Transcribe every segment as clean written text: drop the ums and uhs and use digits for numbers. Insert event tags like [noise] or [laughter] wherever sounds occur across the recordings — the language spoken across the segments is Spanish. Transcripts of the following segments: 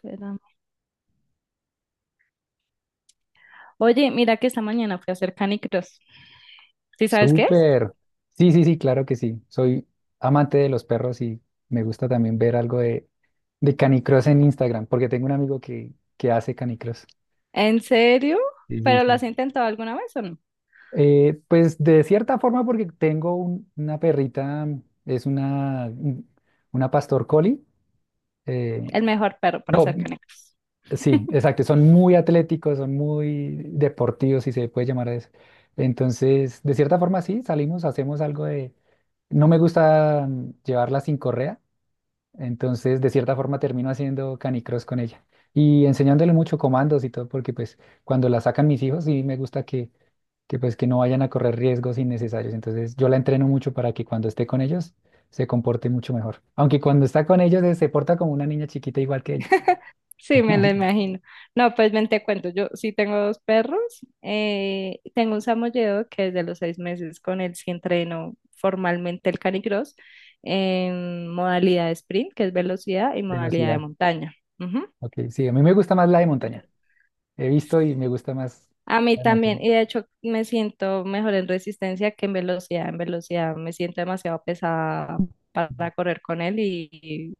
Pero- Oye, mira que esta mañana fui a hacer canicross. ¿Sí sabes qué es? Súper. Sí, sí, sí, claro que sí. Soy amante de los perros y me gusta también ver algo de canicross en Instagram, porque tengo un amigo que hace canicross. ¿En serio? Sí, sí, ¿Pero lo sí. has intentado alguna vez o no? Pues de cierta forma, porque tengo una perrita, es una pastor collie. eh, El mejor perro para hacer no, canicross. sí, [laughs] exacto. Son muy atléticos, son muy deportivos, si se puede llamar eso. Entonces, de cierta forma, sí, salimos, hacemos algo de. No me gusta llevarla sin correa, entonces de cierta forma termino haciendo canicross con ella y enseñándole mucho comandos y todo, porque pues cuando la sacan mis hijos sí me gusta que pues que no vayan a correr riesgos innecesarios, entonces yo la entreno mucho para que cuando esté con ellos se comporte mucho mejor, aunque cuando está con ellos se porta como una niña chiquita igual que ellos. Sí, me [laughs] lo imagino. No, pues ven, te cuento. Yo sí tengo dos perros. Tengo un samoyedo que desde los 6 meses con él sí entreno formalmente el canicross en modalidad de sprint, que es velocidad, y modalidad de Velocidad, montaña. Ujú. ok, sí, a mí me gusta más la de montaña, Entonces, he visto y me gusta más a mí la de también, montaña. y de hecho me siento mejor en resistencia que en velocidad. En velocidad me siento demasiado pesada para correr con él y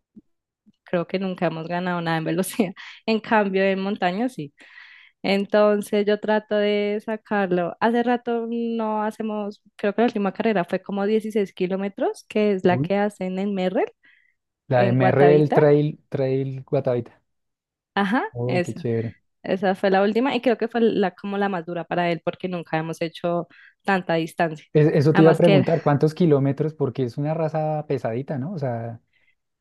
creo que nunca hemos ganado nada en velocidad. [laughs] En cambio, en montaña sí. Entonces yo trato de sacarlo. Hace rato no hacemos, creo que la última carrera fue como 16 kilómetros, que es la Uy. que hacen en Merrell, La de en MR, el Guatavita. Trail Guatavita. Ajá, Oh, qué esa. chévere. Esa fue la última y creo que fue como la más dura para él porque nunca hemos hecho tanta distancia. Eso te iba a Además que él- preguntar, ¿cuántos kilómetros? Porque es una raza pesadita, ¿no? O sea,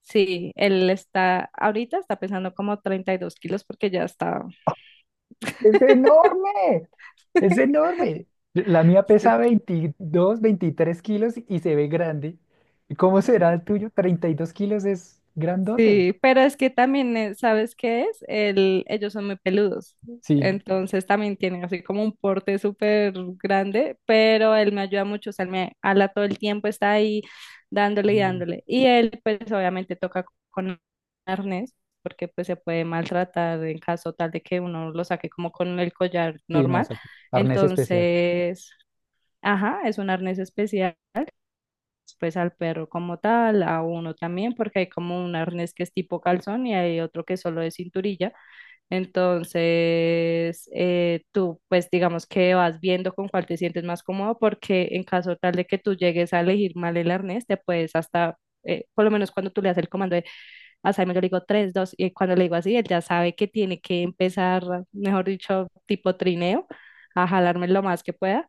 sí, ahorita está pesando como 32 kilos porque ya está. es enorme, es [laughs] enorme. La mía pesa 22, 23 kilos y se ve grande. ¿Y cómo será el tuyo? 32 kilos es grandote. Sí, pero es que también, ¿sabes qué es? Ellos son muy peludos, Sí, entonces también tienen así como un porte súper grande, pero él me ayuda mucho, o sea, él me habla todo el tiempo, está ahí dándole y sí, dándole. Y él pues obviamente toca con arnés, porque pues se puede maltratar en caso tal de que uno lo saque como con el collar sí, no, normal. exacto. Arnés especial, Entonces, ajá, es un arnés especial pues al perro como tal, a uno también, porque hay como un arnés que es tipo calzón y hay otro que solo es cinturilla. Entonces, tú pues digamos que vas viendo con cuál te sientes más cómodo, porque en caso tal de que tú llegues a elegir mal el arnés, te puedes hasta... Por lo menos cuando tú le das el comando de a Simon, yo le digo 3 2 y cuando le digo así, él ya sabe que tiene que empezar, mejor dicho, tipo trineo, a jalarme lo más que pueda.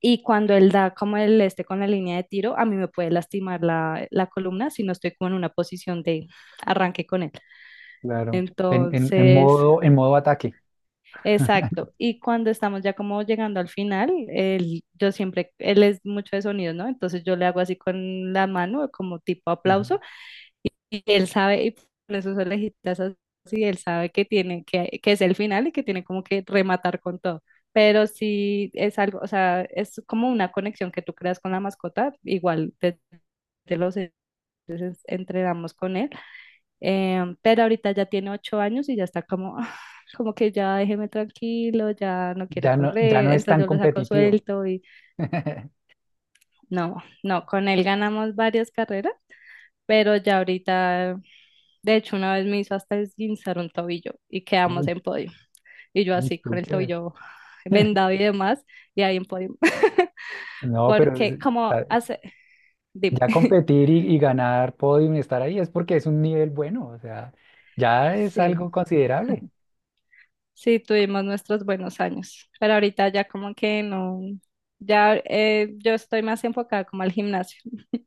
Y cuando él da, como él esté con la línea de tiro, a mí me puede lastimar la columna si no estoy como en una posición de arranque con él. claro. En, en, en Entonces, modo, en modo ataque. exacto. Y cuando estamos ya como llegando al final, él, yo siempre, él es mucho de sonidos, ¿no? Entonces yo le hago así con la mano, como tipo Ujú. aplauso. Y él sabe, y con esos orejitas así, él sabe que tiene, que es el final y que tiene como que rematar con todo. Pero si es algo, o sea, es como una conexión que tú creas con la mascota, igual desde los entonces entrenamos con él, pero ahorita ya tiene 8 años y ya está como, "Ah, como que ya déjeme tranquilo, ya no quiero Ya no, ya correr", no es entonces tan yo lo saco competitivo. suelto y [laughs] no. No, con él ganamos varias carreras, pero ya ahorita. De hecho, una vez me hizo hasta esguinzar un tobillo y quedamos Uy, en podio. Y yo uy, así con el súper. tobillo [laughs] vendado y demás, y ahí en podio. [laughs] No, pero Porque o como sea, hace, dime. ya [laughs] competir y ganar podium y estar ahí es porque es un nivel bueno, o sea, ya es Sí, algo considerable, sí, tuvimos nuestros buenos años, pero ahorita ya como que no, ya yo estoy más enfocada como al gimnasio, [laughs]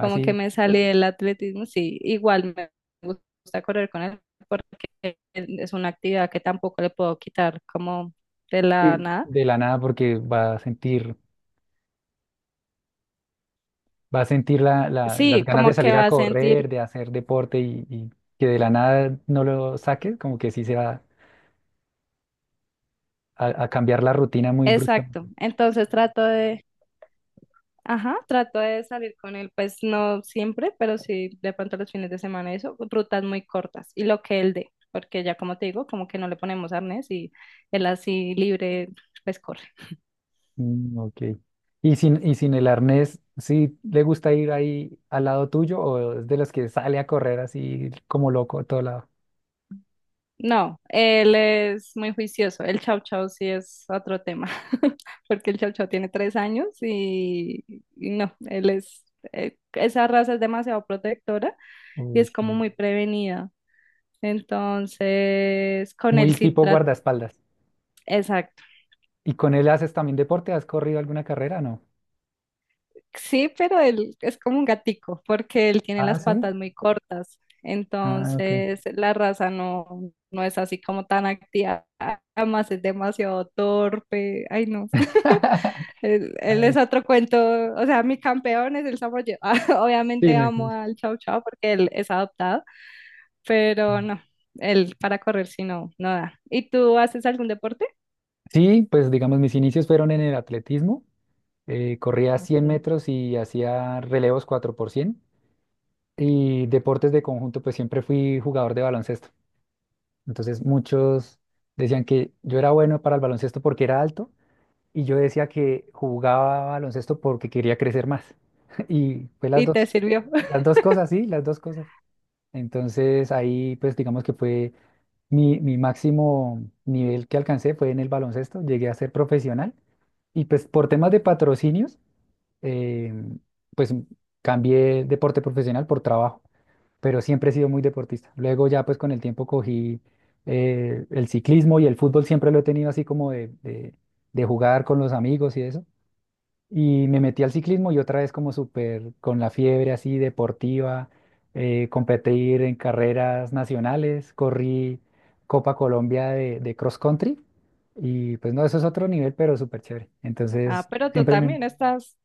como que me salí del atletismo, sí, igual me gusta correr con él porque es una actividad que tampoco le puedo quitar como de la Sí. nada. De la nada porque va a sentir las Sí, ganas de como que salir a va a sentir. correr, de hacer deporte y que de la nada no lo saques, como que sí se va a cambiar la rutina muy Exacto. bruscamente. Ajá, trato de salir con él, pues no siempre, pero sí de pronto los fines de semana, eso, rutas muy cortas y lo que él dé, porque ya como te digo, como que no le ponemos arnés y él así libre, pues corre. Mm, ok. Y sin el arnés, ¿sí le gusta ir ahí al lado tuyo o es de los que sale a correr así como loco a todo lado? No, él es muy juicioso. El chau chau sí es otro tema, [laughs] porque el chau chau tiene 3 años y no, él es, esa raza es demasiado protectora y Uy, es como sí. muy prevenida. Entonces, con él Muy sí tipo trata, guardaespaldas. exacto. ¿Y con él haces también deporte? ¿Has corrido alguna carrera? No. Sí, pero él es como un gatico, porque él tiene Ah, las sí. patas muy cortas. Ah, ok. Entonces, la raza no, no es así como tan activa. Además, es demasiado torpe. Ay, no. [laughs] [laughs] Él es Ay, otro cuento. O sea, mi campeón es el samoyedo. [laughs] sí, Obviamente no, sí, amo al Chow Chow porque él es adoptado, pero no. Él para correr si no, no da. ¿Y tú haces algún deporte? sí, pues digamos, mis inicios fueron en el atletismo. Corría cien Ok. metros y hacía relevos 4x100. Y deportes de conjunto, pues siempre fui jugador de baloncesto. Entonces muchos decían que yo era bueno para el baloncesto porque era alto y yo decía que jugaba baloncesto porque quería crecer más. [laughs] Y fue las ¿Y te dos. sirvió? Las dos cosas, sí, las dos cosas. Entonces ahí pues digamos que fue mi máximo nivel que alcancé fue en el baloncesto, llegué a ser profesional y pues por temas de patrocinios, eh, pues cambié deporte profesional por trabajo, pero siempre he sido muy deportista. Luego ya pues con el tiempo cogí el ciclismo y el fútbol siempre lo he tenido así como de jugar con los amigos y eso. Y me metí al ciclismo y otra vez como súper con la fiebre así deportiva, competir en carreras nacionales, corrí Copa Colombia de cross country y pues no, eso es otro nivel, pero súper chévere. Ah, Entonces, pero tú también estás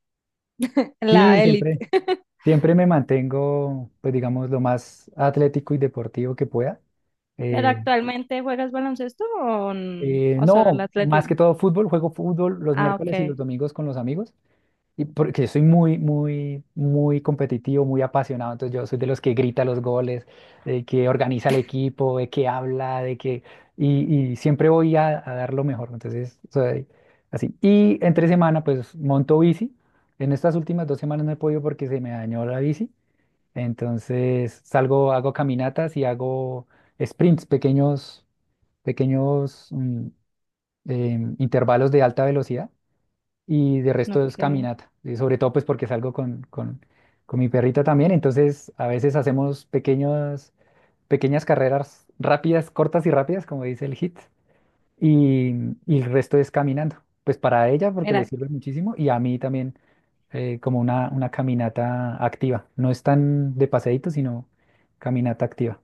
en sí, la élite. siempre, [laughs] siempre me mantengo, pues digamos, lo más atlético y deportivo que pueda. ¿Pero Eh, actualmente juegas baloncesto o, n- eh, o solo el no, más atletismo? que todo fútbol, juego fútbol los Ah, miércoles y ok, los domingos con los amigos. Y porque yo soy muy, muy, muy competitivo, muy apasionado. Entonces yo soy de los que grita los goles, de que organiza el [laughs] equipo, de que habla, de que... Y siempre voy a dar lo mejor. Entonces soy así. Y entre semana, pues monto bici. En estas últimas 2 semanas no he podido porque se me dañó la bici. Entonces salgo, hago caminatas y hago sprints, pequeños, pequeños intervalos de alta velocidad y de resto es ok. caminata, y sobre todo pues porque salgo con mi perrita también, entonces a veces hacemos pequeños, pequeñas carreras rápidas, cortas y rápidas, como dice el hit, y, y el resto es caminando, pues para ella porque le Mira, sirve muchísimo y a mí también, como una caminata activa, no es tan de paseíto, sino caminata activa.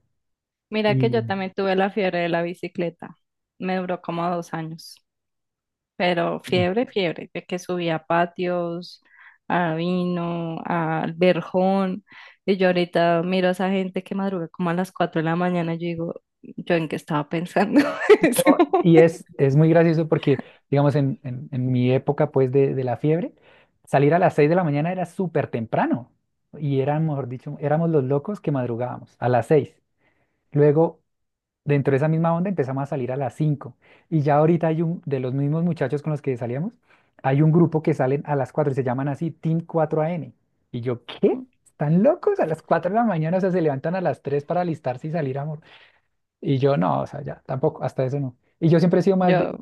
mira que Y, yo también tuve la fiebre de la bicicleta. Me duró como 2 años. Pero [laughs] de que subía a patios, a Vino, al Verjón. Y yo ahorita miro a esa gente que madruga como a las 4 de la mañana y yo digo, ¿yo en qué estaba pensando [laughs] en ese no, momento? y es muy gracioso porque, digamos, en mi época, pues, de la fiebre, salir a las 6 de la mañana era súper temprano. Y eran, mejor dicho, éramos los locos que madrugábamos a las 6. Luego, dentro de esa misma onda, empezamos a salir a las 5. Y ya ahorita hay de los mismos muchachos con los que salíamos, hay un grupo que salen a las 4 y se llaman así Team cuatro a n. Y yo, ¿qué? ¿Están locos? A las 4 de la mañana, o sea, se levantan a las 3 para alistarse y salir a... Y yo, no, o sea, ya, tampoco, hasta eso no. Y yo siempre he sido más Yo,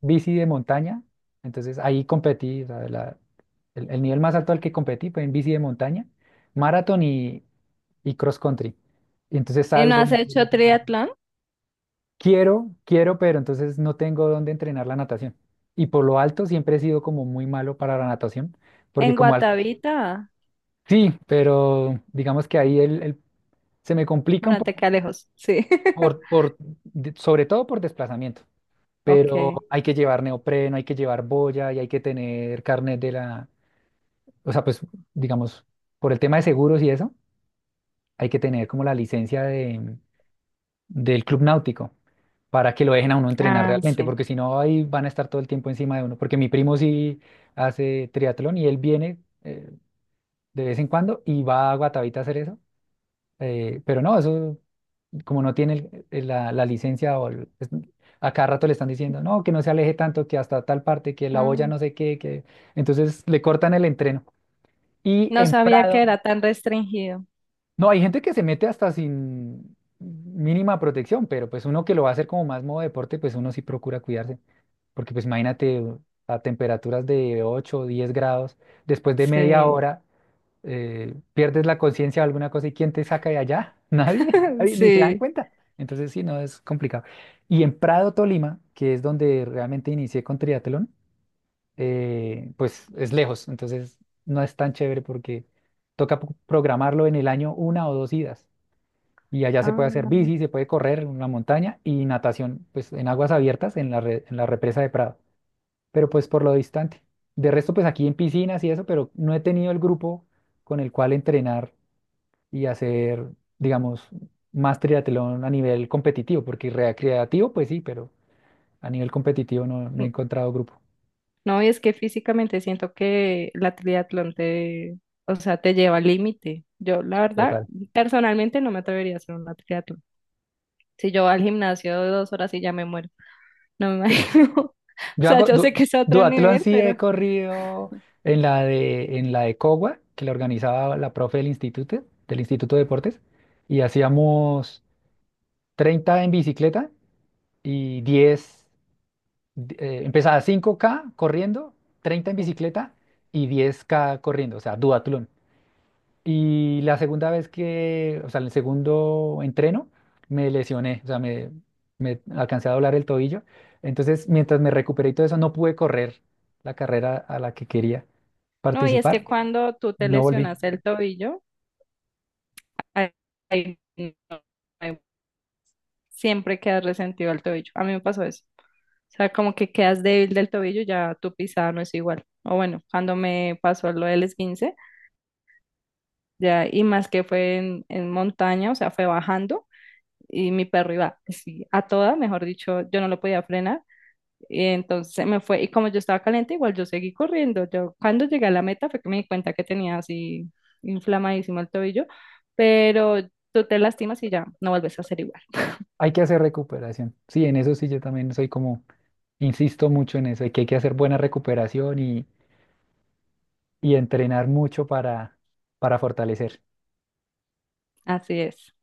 bici de montaña, entonces ahí competí, o sea, el nivel más alto al que competí fue en bici de montaña, maratón y cross country. Y entonces ¿y no has hecho triatlón? quiero, quiero, pero entonces no tengo dónde entrenar la natación. Y por lo alto siempre he sido como muy malo para la natación, porque En como al... Guatavita. Sí, pero digamos que ahí se me complica un Bueno, te poco, queda lejos, sí. [laughs] Sobre todo por desplazamiento, pero Ok. hay que llevar neopreno, hay que llevar boya y hay que tener carnet o sea, pues digamos, por el tema de seguros y eso, hay que tener como la licencia del club náutico para que lo dejen a uno entrenar Ah, realmente, sí. porque si no, ahí van a estar todo el tiempo encima de uno. Porque mi primo sí hace triatlón y él viene eh, de vez en cuando y va a Guatavita a hacer eso, pero no, eso como no tiene la licencia o a cada rato le están diciendo, no, que no se aleje tanto, que hasta tal parte, que la Ah, boya no sé qué, que entonces le cortan el entreno. Y no en sabía que Prado. era tan restringido. No, hay gente que se mete hasta sin mínima protección, pero pues uno que lo va a hacer como más modo deporte, pues uno sí procura cuidarse. Porque pues imagínate a temperaturas de 8, o 10 grados, después de media Sí, hora, pierdes la conciencia de alguna cosa y ¿quién te saca de allá? [laughs] Nadie, [laughs] nadie, ni se dan sí. cuenta. Entonces sí, no, es complicado. Y en Prado, Tolima, que es donde realmente inicié con triatlón, pues es lejos, entonces no es tan chévere porque toca programarlo en el año una o dos idas. Y allá se puede hacer Ah, bici, se puede correr en la montaña y natación, pues en aguas abiertas, en la represa de Prado, pero pues por lo distante. De resto, pues aquí en piscinas y eso, pero no he tenido el grupo con el cual entrenar y hacer, digamos, más triatlón a nivel competitivo, porque recreativo, pues sí, pero a nivel competitivo no he n- encontrado grupo. no, y es que físicamente siento que la triatlón te, o sea, te lleva al límite. Yo, la verdad, Total. personalmente no me atrevería a hacer una triatlón. Si yo voy al gimnasio 2 horas y ya me muero, no me [laughs] imagino. [laughs] O Yo sea, hago yo sé que es otro duatlón, nivel, sí he pero corrido en la de Cogua, que la organizaba la profe del Instituto de Deportes, y hacíamos 30 en bicicleta y 10 empezaba 5K corriendo, 30 en sí. bicicleta y 10K corriendo, o sea, duatlón. Y la segunda vez que, o sea, en el segundo entreno, me lesioné, o sea, me alcancé a doblar el tobillo. Entonces, mientras me recuperé y todo eso, no pude correr la carrera a la que quería no No, y es participar que cuando tú te y no volví. lesionas el tobillo, ahí- ahí no hay- siempre quedas resentido el tobillo. A mí me pasó eso. O sea, como que quedas débil del tobillo, ya tu pisada no es igual. O bueno, cuando me pasó lo del esguince, ya, y más que fue en montaña, o sea, fue bajando y mi perro iba así a toda, mejor dicho, yo no lo podía frenar. Y entonces se me fue, y como yo estaba caliente, igual yo seguí corriendo. Yo cuando llegué a la meta fue que me di cuenta que tenía así inflamadísimo el tobillo, pero tú te lastimas y ya no vuelves a ser igual. Hay que hacer recuperación. Sí, en eso sí, yo también soy como, insisto mucho en eso, de que hay que hacer buena recuperación y entrenar mucho para fortalecer. Así es.